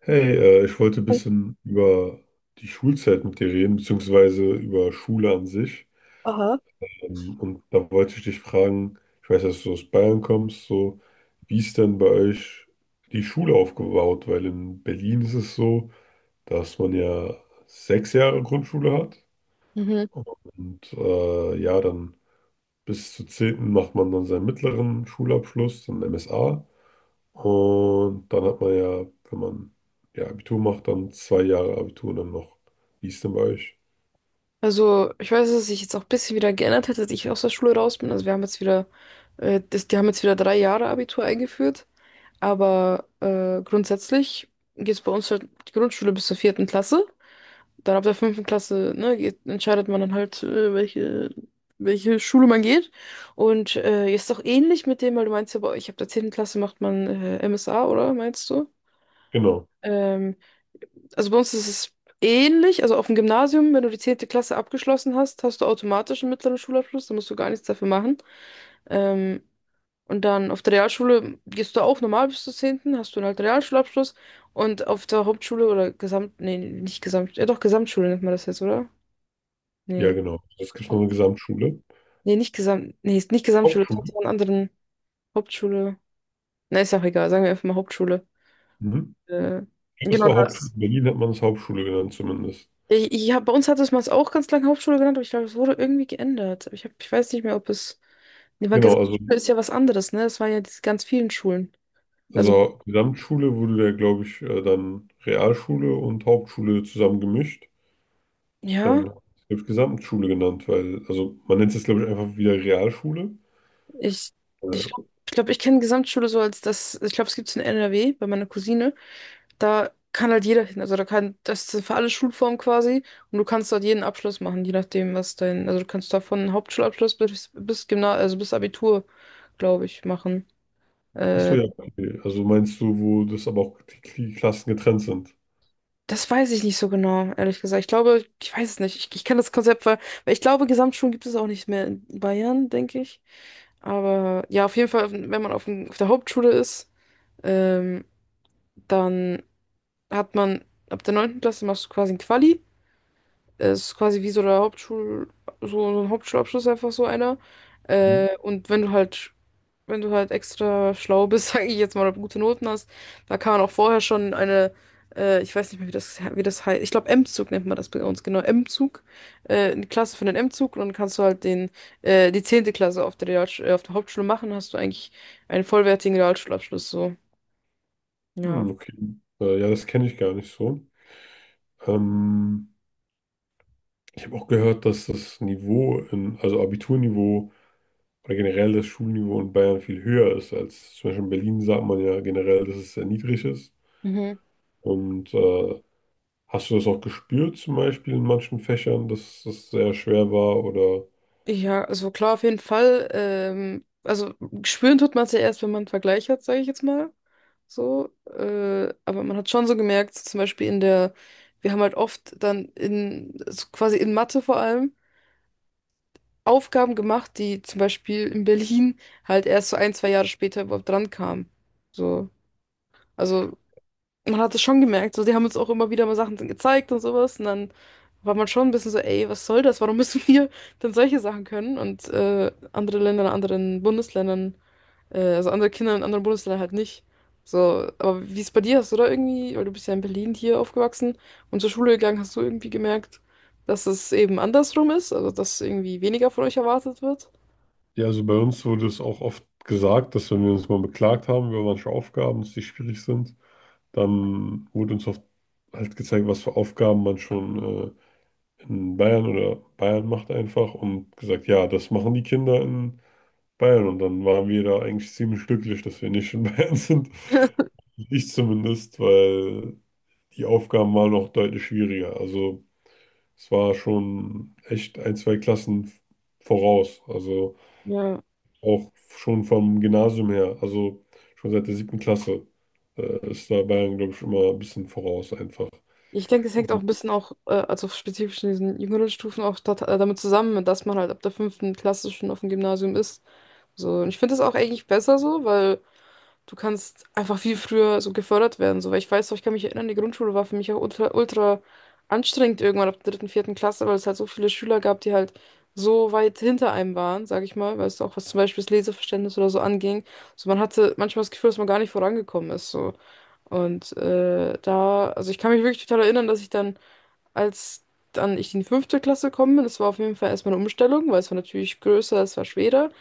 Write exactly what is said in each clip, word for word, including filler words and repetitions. Hey, äh, ich wollte ein bisschen über die Schulzeit mit dir reden, beziehungsweise über Schule an sich. Aha. Ähm, und da wollte ich dich fragen, ich weiß, dass du aus Bayern kommst, so, wie ist denn bei euch die Schule aufgebaut? Weil in Berlin ist es so, dass man ja sechs Jahre Grundschule hat Mhm. und äh, ja, dann bis zur zehnten macht man dann seinen mittleren Schulabschluss, dann M S A. Und dann hat man ja, wenn man ja Abitur macht, dann zwei Jahre Abitur und dann noch. Wie ist denn bei euch? Also, ich weiß, dass sich jetzt auch ein bisschen wieder geändert hat, als ich aus der Schule raus bin. Also, wir haben jetzt wieder, äh, das, die haben jetzt wieder drei Jahre Abitur eingeführt. Aber äh, grundsätzlich geht es bei uns halt die Grundschule bis zur vierten Klasse. Dann ab der fünften Klasse, ne, geht, entscheidet man dann halt, äh, welche, welche Schule man geht. Und äh, jetzt auch ähnlich mit dem, weil du meinst ja, bei euch ab der zehnten Klasse macht man äh, M S A, oder meinst du? Genau, Ähm, Also bei uns ist es ähnlich. Also auf dem Gymnasium, wenn du die zehnte Klasse abgeschlossen hast, hast du automatisch einen mittleren Schulabschluss, da musst du gar nichts dafür machen. Ähm, und dann auf der Realschule gehst du auch normal bis zur zehnten. Hast du halt einen halt Realschulabschluss. Und auf der Hauptschule oder Gesamt, nee, nicht Gesamt, ja doch, Gesamtschule nennt man das jetzt, oder? ja, Nee. genau. Es gibt noch Auch- eine Gesamtschule. Nee, nicht Gesamt, nee, ist nicht Gesamtschule, das hat Hauptschule. so einen anderen Hauptschule. Na, ist ja auch egal, sagen wir einfach mal Hauptschule. Mhm. Äh, Ich glaube, es genau, war Hauptschule. In Berlin hat man es Hauptschule genannt zumindest. Ich, ich hab, Bei uns hat es mal auch ganz lange Hauptschule genannt, aber ich glaube, es wurde irgendwie geändert. Aber Ich, hab, ich weiß nicht mehr, ob es. Nee, weil Genau, also, Gesamtschule ist ja was anderes, ne? Es waren ja diese ganz vielen Schulen. Also, also Gesamtschule wurde da, glaube ich, äh, dann Realschule und Hauptschule zusammen gemischt. ja, Dann wird es Gesamtschule genannt, weil, also man nennt es, glaube ich, einfach wieder Realschule. ich ich Äh, glaube, ich, glaub, ich kenne Gesamtschule so als das. Ich glaube, es gibt es in N R W bei meiner Cousine. Da kann halt jeder hin. Also, da kann. Das ist für alle Schulformen quasi. Und du kannst dort jeden Abschluss machen, je nachdem, was dein. Also, du kannst da von Hauptschulabschluss bis, bis Gymnasium, also bis Abitur, glaube ich, machen. Achso, Äh, ja, okay. Also meinst du, wo das aber auch die Klassen getrennt sind? Das weiß ich nicht so genau, ehrlich gesagt. Ich glaube, ich weiß es nicht. Ich, ich kenne das Konzept, weil, weil ich glaube, Gesamtschulen gibt es auch nicht mehr in Bayern, denke ich. Aber ja, auf jeden Fall, wenn man auf, dem- auf der Hauptschule ist, ähm, dann hat man ab der neunten Klasse machst du quasi ein Quali. Es ist quasi wie so der Hauptschul, so ein Hauptschulabschluss, einfach so einer. Mhm. Äh, und wenn du halt wenn du halt extra schlau bist, sage ich jetzt mal, oder gute Noten hast, da kann man auch vorher schon eine, äh, ich weiß nicht mehr, wie das, wie das heißt, ich glaube M-Zug nennt man das bei uns, genau, M-Zug, äh, eine Klasse für den M-Zug und dann kannst du halt den, äh, die zehnte Klasse auf der Real, äh, auf der Hauptschule machen, hast du eigentlich einen vollwertigen Realschulabschluss, so, ja. Hm, okay. Äh, ja, das kenne ich gar nicht so. Ähm, Ich habe auch gehört, dass das Niveau, in, also Abiturniveau oder generell das Schulniveau in Bayern viel höher ist als zum Beispiel in Berlin, sagt man ja generell, dass es sehr niedrig ist. Mhm. Und äh, hast du das auch gespürt, zum Beispiel in manchen Fächern, dass das sehr schwer war? Oder Ja, also klar, auf jeden Fall. Ähm, also spüren tut man es ja erst, wenn man einen Vergleich hat, sage ich jetzt mal. So. Äh, aber man hat schon so gemerkt, so zum Beispiel in der, wir haben halt oft dann in, so quasi in Mathe vor allem, Aufgaben gemacht, die zum Beispiel in Berlin halt erst so ein, zwei Jahre später überhaupt dran kamen. So. Also man hat es schon gemerkt, so, die haben uns auch immer wieder mal Sachen gezeigt und sowas und dann war man schon ein bisschen so, ey, was soll das? Warum müssen wir denn solche Sachen können? Und äh, andere Länder in anderen Bundesländern, äh, also andere Kinder in anderen Bundesländern halt nicht. So, aber wie es bei dir ist, oder irgendwie, weil du bist ja in Berlin hier aufgewachsen und zur Schule gegangen, hast du irgendwie gemerkt, dass es eben andersrum ist, also dass irgendwie weniger von euch erwartet wird? ja, also bei uns wurde es auch oft gesagt, dass wenn wir uns mal beklagt haben über manche Aufgaben, dass die schwierig sind, dann wurde uns oft halt gezeigt, was für Aufgaben man schon äh, in Bayern oder Bayern macht einfach und gesagt, ja, das machen die Kinder in Bayern. Und dann waren wir da eigentlich ziemlich glücklich, dass wir nicht in Bayern sind. Ich zumindest, weil die Aufgaben waren noch deutlich schwieriger. Also es war schon echt ein, zwei Klassen voraus. Also Ja. auch schon vom Gymnasium her, also schon seit der siebten Klasse, äh, ist da Bayern, glaube ich, immer ein bisschen voraus einfach. Ich denke, es hängt auch ein bisschen auch, äh, also spezifisch in diesen jüngeren Stufen auch dat, äh, damit zusammen, dass man halt ab der fünften Klasse schon auf dem Gymnasium ist. So, und ich finde das auch eigentlich besser so, weil du kannst einfach viel früher so gefördert werden, so, weil ich weiß noch, ich kann mich erinnern, die Grundschule war für mich auch ultra, ultra anstrengend irgendwann ab der dritten, vierten Klasse, weil es halt so viele Schüler gab, die halt so weit hinter einem waren, sag ich mal, weißt du, auch was zum Beispiel das Leseverständnis oder so anging. So, man hatte manchmal das Gefühl, dass man gar nicht vorangekommen ist, so. Und äh, da, also ich kann mich wirklich total erinnern, dass ich dann, als dann ich in die fünfte Klasse gekommen bin, das war auf jeden Fall erstmal eine Umstellung, weil es war natürlich größer, es war schwerer.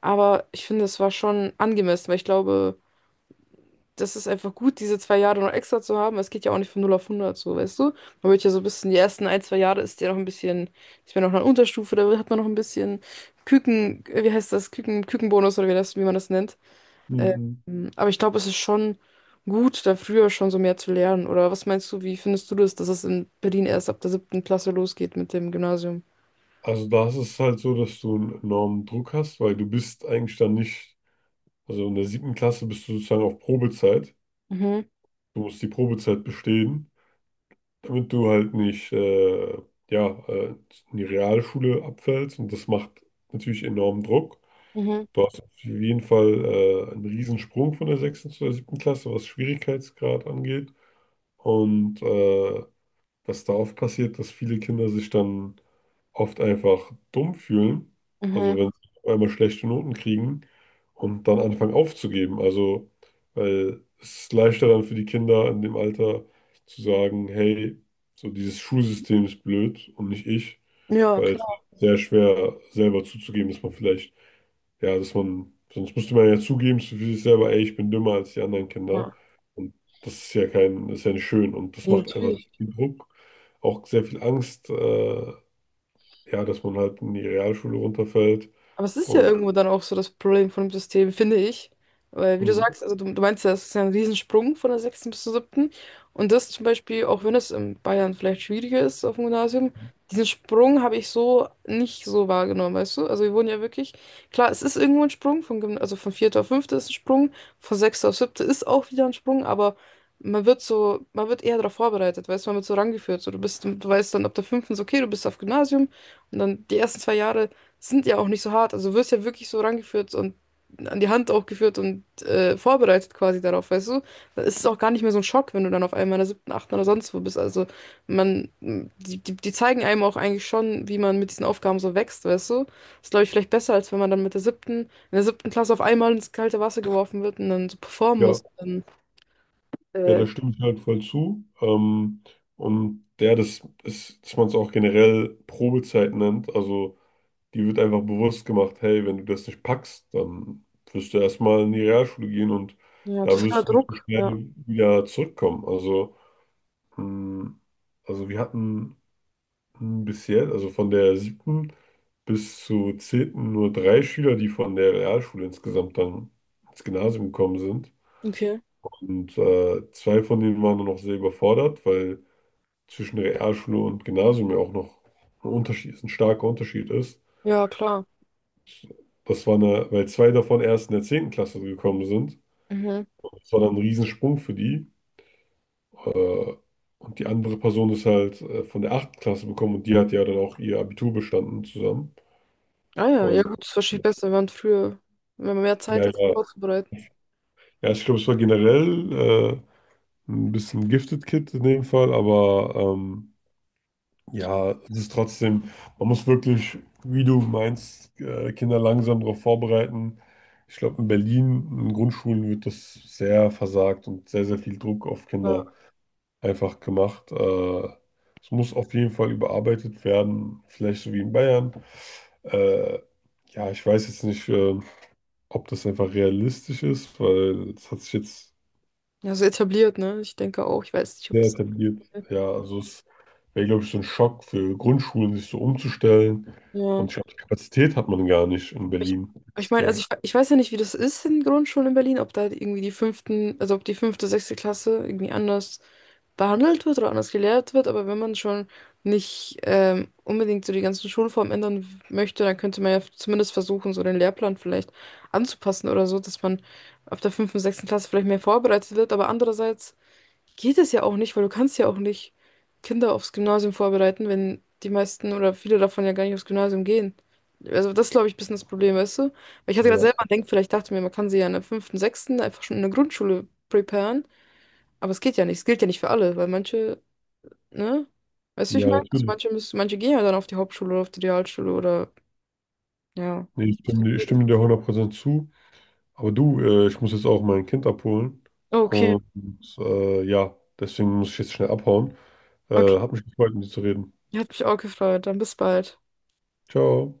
Aber ich finde, es war schon angemessen, weil ich glaube, das ist einfach gut, diese zwei Jahre noch extra zu haben. Weil es geht ja auch nicht von null auf hundert so, weißt du? Man wird ja so ein bisschen, die ersten ein, zwei Jahre ist ja noch ein bisschen, ich bin noch in der Unterstufe, da hat man noch ein bisschen Küken, wie heißt das, Küken, Kükenbonus oder wie das, wie man das nennt. Ähm, aber ich glaube, es ist schon gut, da früher schon so mehr zu lernen. Oder was meinst du, wie findest du das, dass es in Berlin erst ab der siebten Klasse losgeht mit dem Gymnasium? Also da ist es halt so, dass du einen enormen Druck hast, weil du bist eigentlich dann nicht, also in der siebten Klasse bist du sozusagen auf Probezeit. Mhm, Du musst die Probezeit bestehen, damit du halt nicht, äh, ja, äh, in die Realschule abfällst und das macht natürlich enormen Druck. mhm, Du hast auf jeden Fall äh, einen Riesensprung von der sechsten zur siebten Klasse, was Schwierigkeitsgrad angeht. Und äh, was da oft passiert, dass viele Kinder sich dann oft einfach dumm fühlen, mhm. also wenn sie auf einmal schlechte Noten kriegen und dann anfangen aufzugeben. Also, weil es ist leichter dann für die Kinder in dem Alter zu sagen, hey, so dieses Schulsystem ist blöd und nicht ich, Ja, weil es klar. ist sehr schwer selber zuzugeben, dass man vielleicht, ja, dass man, sonst müsste man ja zugeben für sich selber, ey, ich bin dümmer als die anderen Ja, Kinder. Und das ist ja kein, das ist ja nicht schön und das macht einfach natürlich. sehr viel Druck, auch sehr viel Angst, äh, ja, dass man halt in die Realschule runterfällt. Aber es ist ja Und irgendwo dann auch so das Problem von dem System, finde ich. Weil, wie du mh, sagst, also du, du meinst ja, es ist ja ein Riesensprung von der sechsten bis zur siebten. Und das zum Beispiel, auch wenn es in Bayern vielleicht schwieriger ist auf dem Gymnasium, diesen Sprung habe ich so nicht so wahrgenommen, weißt du? Also wir wurden ja wirklich, klar, es ist irgendwo ein Sprung, von, Gymna- also von vierte auf fünfte ist ein Sprung, von sechste auf siebte ist auch wieder ein Sprung, aber man wird so, man wird eher darauf vorbereitet, weißt du, man wird so rangeführt. So, du bist, du weißt dann ab der fünften, so, okay, du bist auf Gymnasium und dann die ersten zwei Jahre sind ja auch nicht so hart. Also du wirst ja wirklich so rangeführt und an die Hand auch geführt und äh, vorbereitet quasi darauf, weißt du? Dann ist es auch gar nicht mehr so ein Schock, wenn du dann auf einmal in der siebten, achten oder sonst wo bist. Also man, die, die, die zeigen einem auch eigentlich schon, wie man mit diesen Aufgaben so wächst, weißt du? Ist, glaube ich, vielleicht besser, als wenn man dann mit der siebten, in der siebten Klasse auf einmal ins kalte Wasser geworfen wird und dann so performen ja, muss. Dann, ja, äh, da stimme ich halt voll zu. Ähm, und ja, das ist, dass man es auch generell Probezeit nennt, also die wird einfach bewusst gemacht, hey, wenn du das nicht packst, dann wirst du erstmal in die Realschule gehen und ja, da totaler wirst du nicht so Druck. Ja, schnell wieder zurückkommen. Also, mh, also wir hatten mh, bis, also von der siebten bis zur zehnten nur drei Schüler, die von der Realschule insgesamt dann ins Gymnasium gekommen sind. okay. Und äh, zwei von denen waren dann noch sehr überfordert, weil zwischen Realschule und Gymnasium ja auch noch ein Unterschied ein starker Unterschied ist. Ja, klar. Das war eine, weil zwei davon erst in der zehnten. Klasse gekommen sind. Mhm. Das war dann ein Riesensprung für die. Äh, und die andere Person ist halt äh, von der achten Klasse gekommen und die hat ja dann auch ihr Abitur bestanden zusammen. Ah ja, ja Und gut, ist wahrscheinlich besser, wenn man früher, wenn man mehr ja, Zeit hat, sich ja, vorzubereiten. ja, ich glaube, es war generell äh, ein bisschen Gifted Kid in dem Fall, aber ähm, ja, es ist trotzdem, man muss wirklich, wie du meinst, äh, Kinder langsam darauf vorbereiten. Ich glaube, in Berlin, in Grundschulen wird das sehr versagt und sehr, sehr viel Druck auf Kinder ja einfach gemacht. Äh, es muss auf jeden Fall überarbeitet werden, vielleicht so wie in Bayern. Äh, ja, ich weiß jetzt nicht, äh, ob das einfach realistisch ist, weil es hat sich jetzt Ja, so etabliert, ne? Ich denke auch. Ich weiß nicht, ob sehr das. etabliert. Ja, also es wäre, glaube ich, so ein Schock für Grundschulen, sich so umzustellen. Ja. Und ich glaube, die Kapazität hat man gar nicht in Ich, Berlin. ich Ist, meine, äh, also ich, ich weiß ja nicht, wie das ist in Grundschulen in Berlin, ob da irgendwie die fünften, also ob die fünfte, sechste Klasse irgendwie anders behandelt wird oder anders gelehrt wird, aber wenn man schon nicht ähm, unbedingt so die ganzen Schulformen ändern w- möchte, dann könnte man ja f- zumindest versuchen, so den Lehrplan vielleicht anzupassen oder so, dass man ab der fünften, sechsten Klasse vielleicht mehr vorbereitet wird, aber andererseits, geht es ja auch nicht, weil du kannst ja auch nicht Kinder aufs Gymnasium vorbereiten, wenn die meisten oder viele davon ja gar nicht aufs Gymnasium gehen. Also das glaube ich ein bisschen das Problem, weißt du? Weil ich hatte gerade selber ja. denkt, vielleicht dachte mir, man kann sie ja in der fünften, sechsten einfach schon in der Grundschule preparen, aber es geht ja nicht, es gilt ja nicht für alle, weil manche, ne? Weißt du, ich Ja, meine, also natürlich. manche müssen, manche gehen ja dann auf die Hauptschule oder auf die Realschule oder ja. Nee, ich stimme, dir- ich stimme dir hundert Prozent zu. Aber du, äh, ich muss jetzt auch mein Kind abholen. Okay, Und äh, ja, deswegen muss ich jetzt schnell abhauen. okay. Äh, hat mich gefreut, mit dir zu reden. Hat mich auch gefreut. Dann bis bald. Ciao.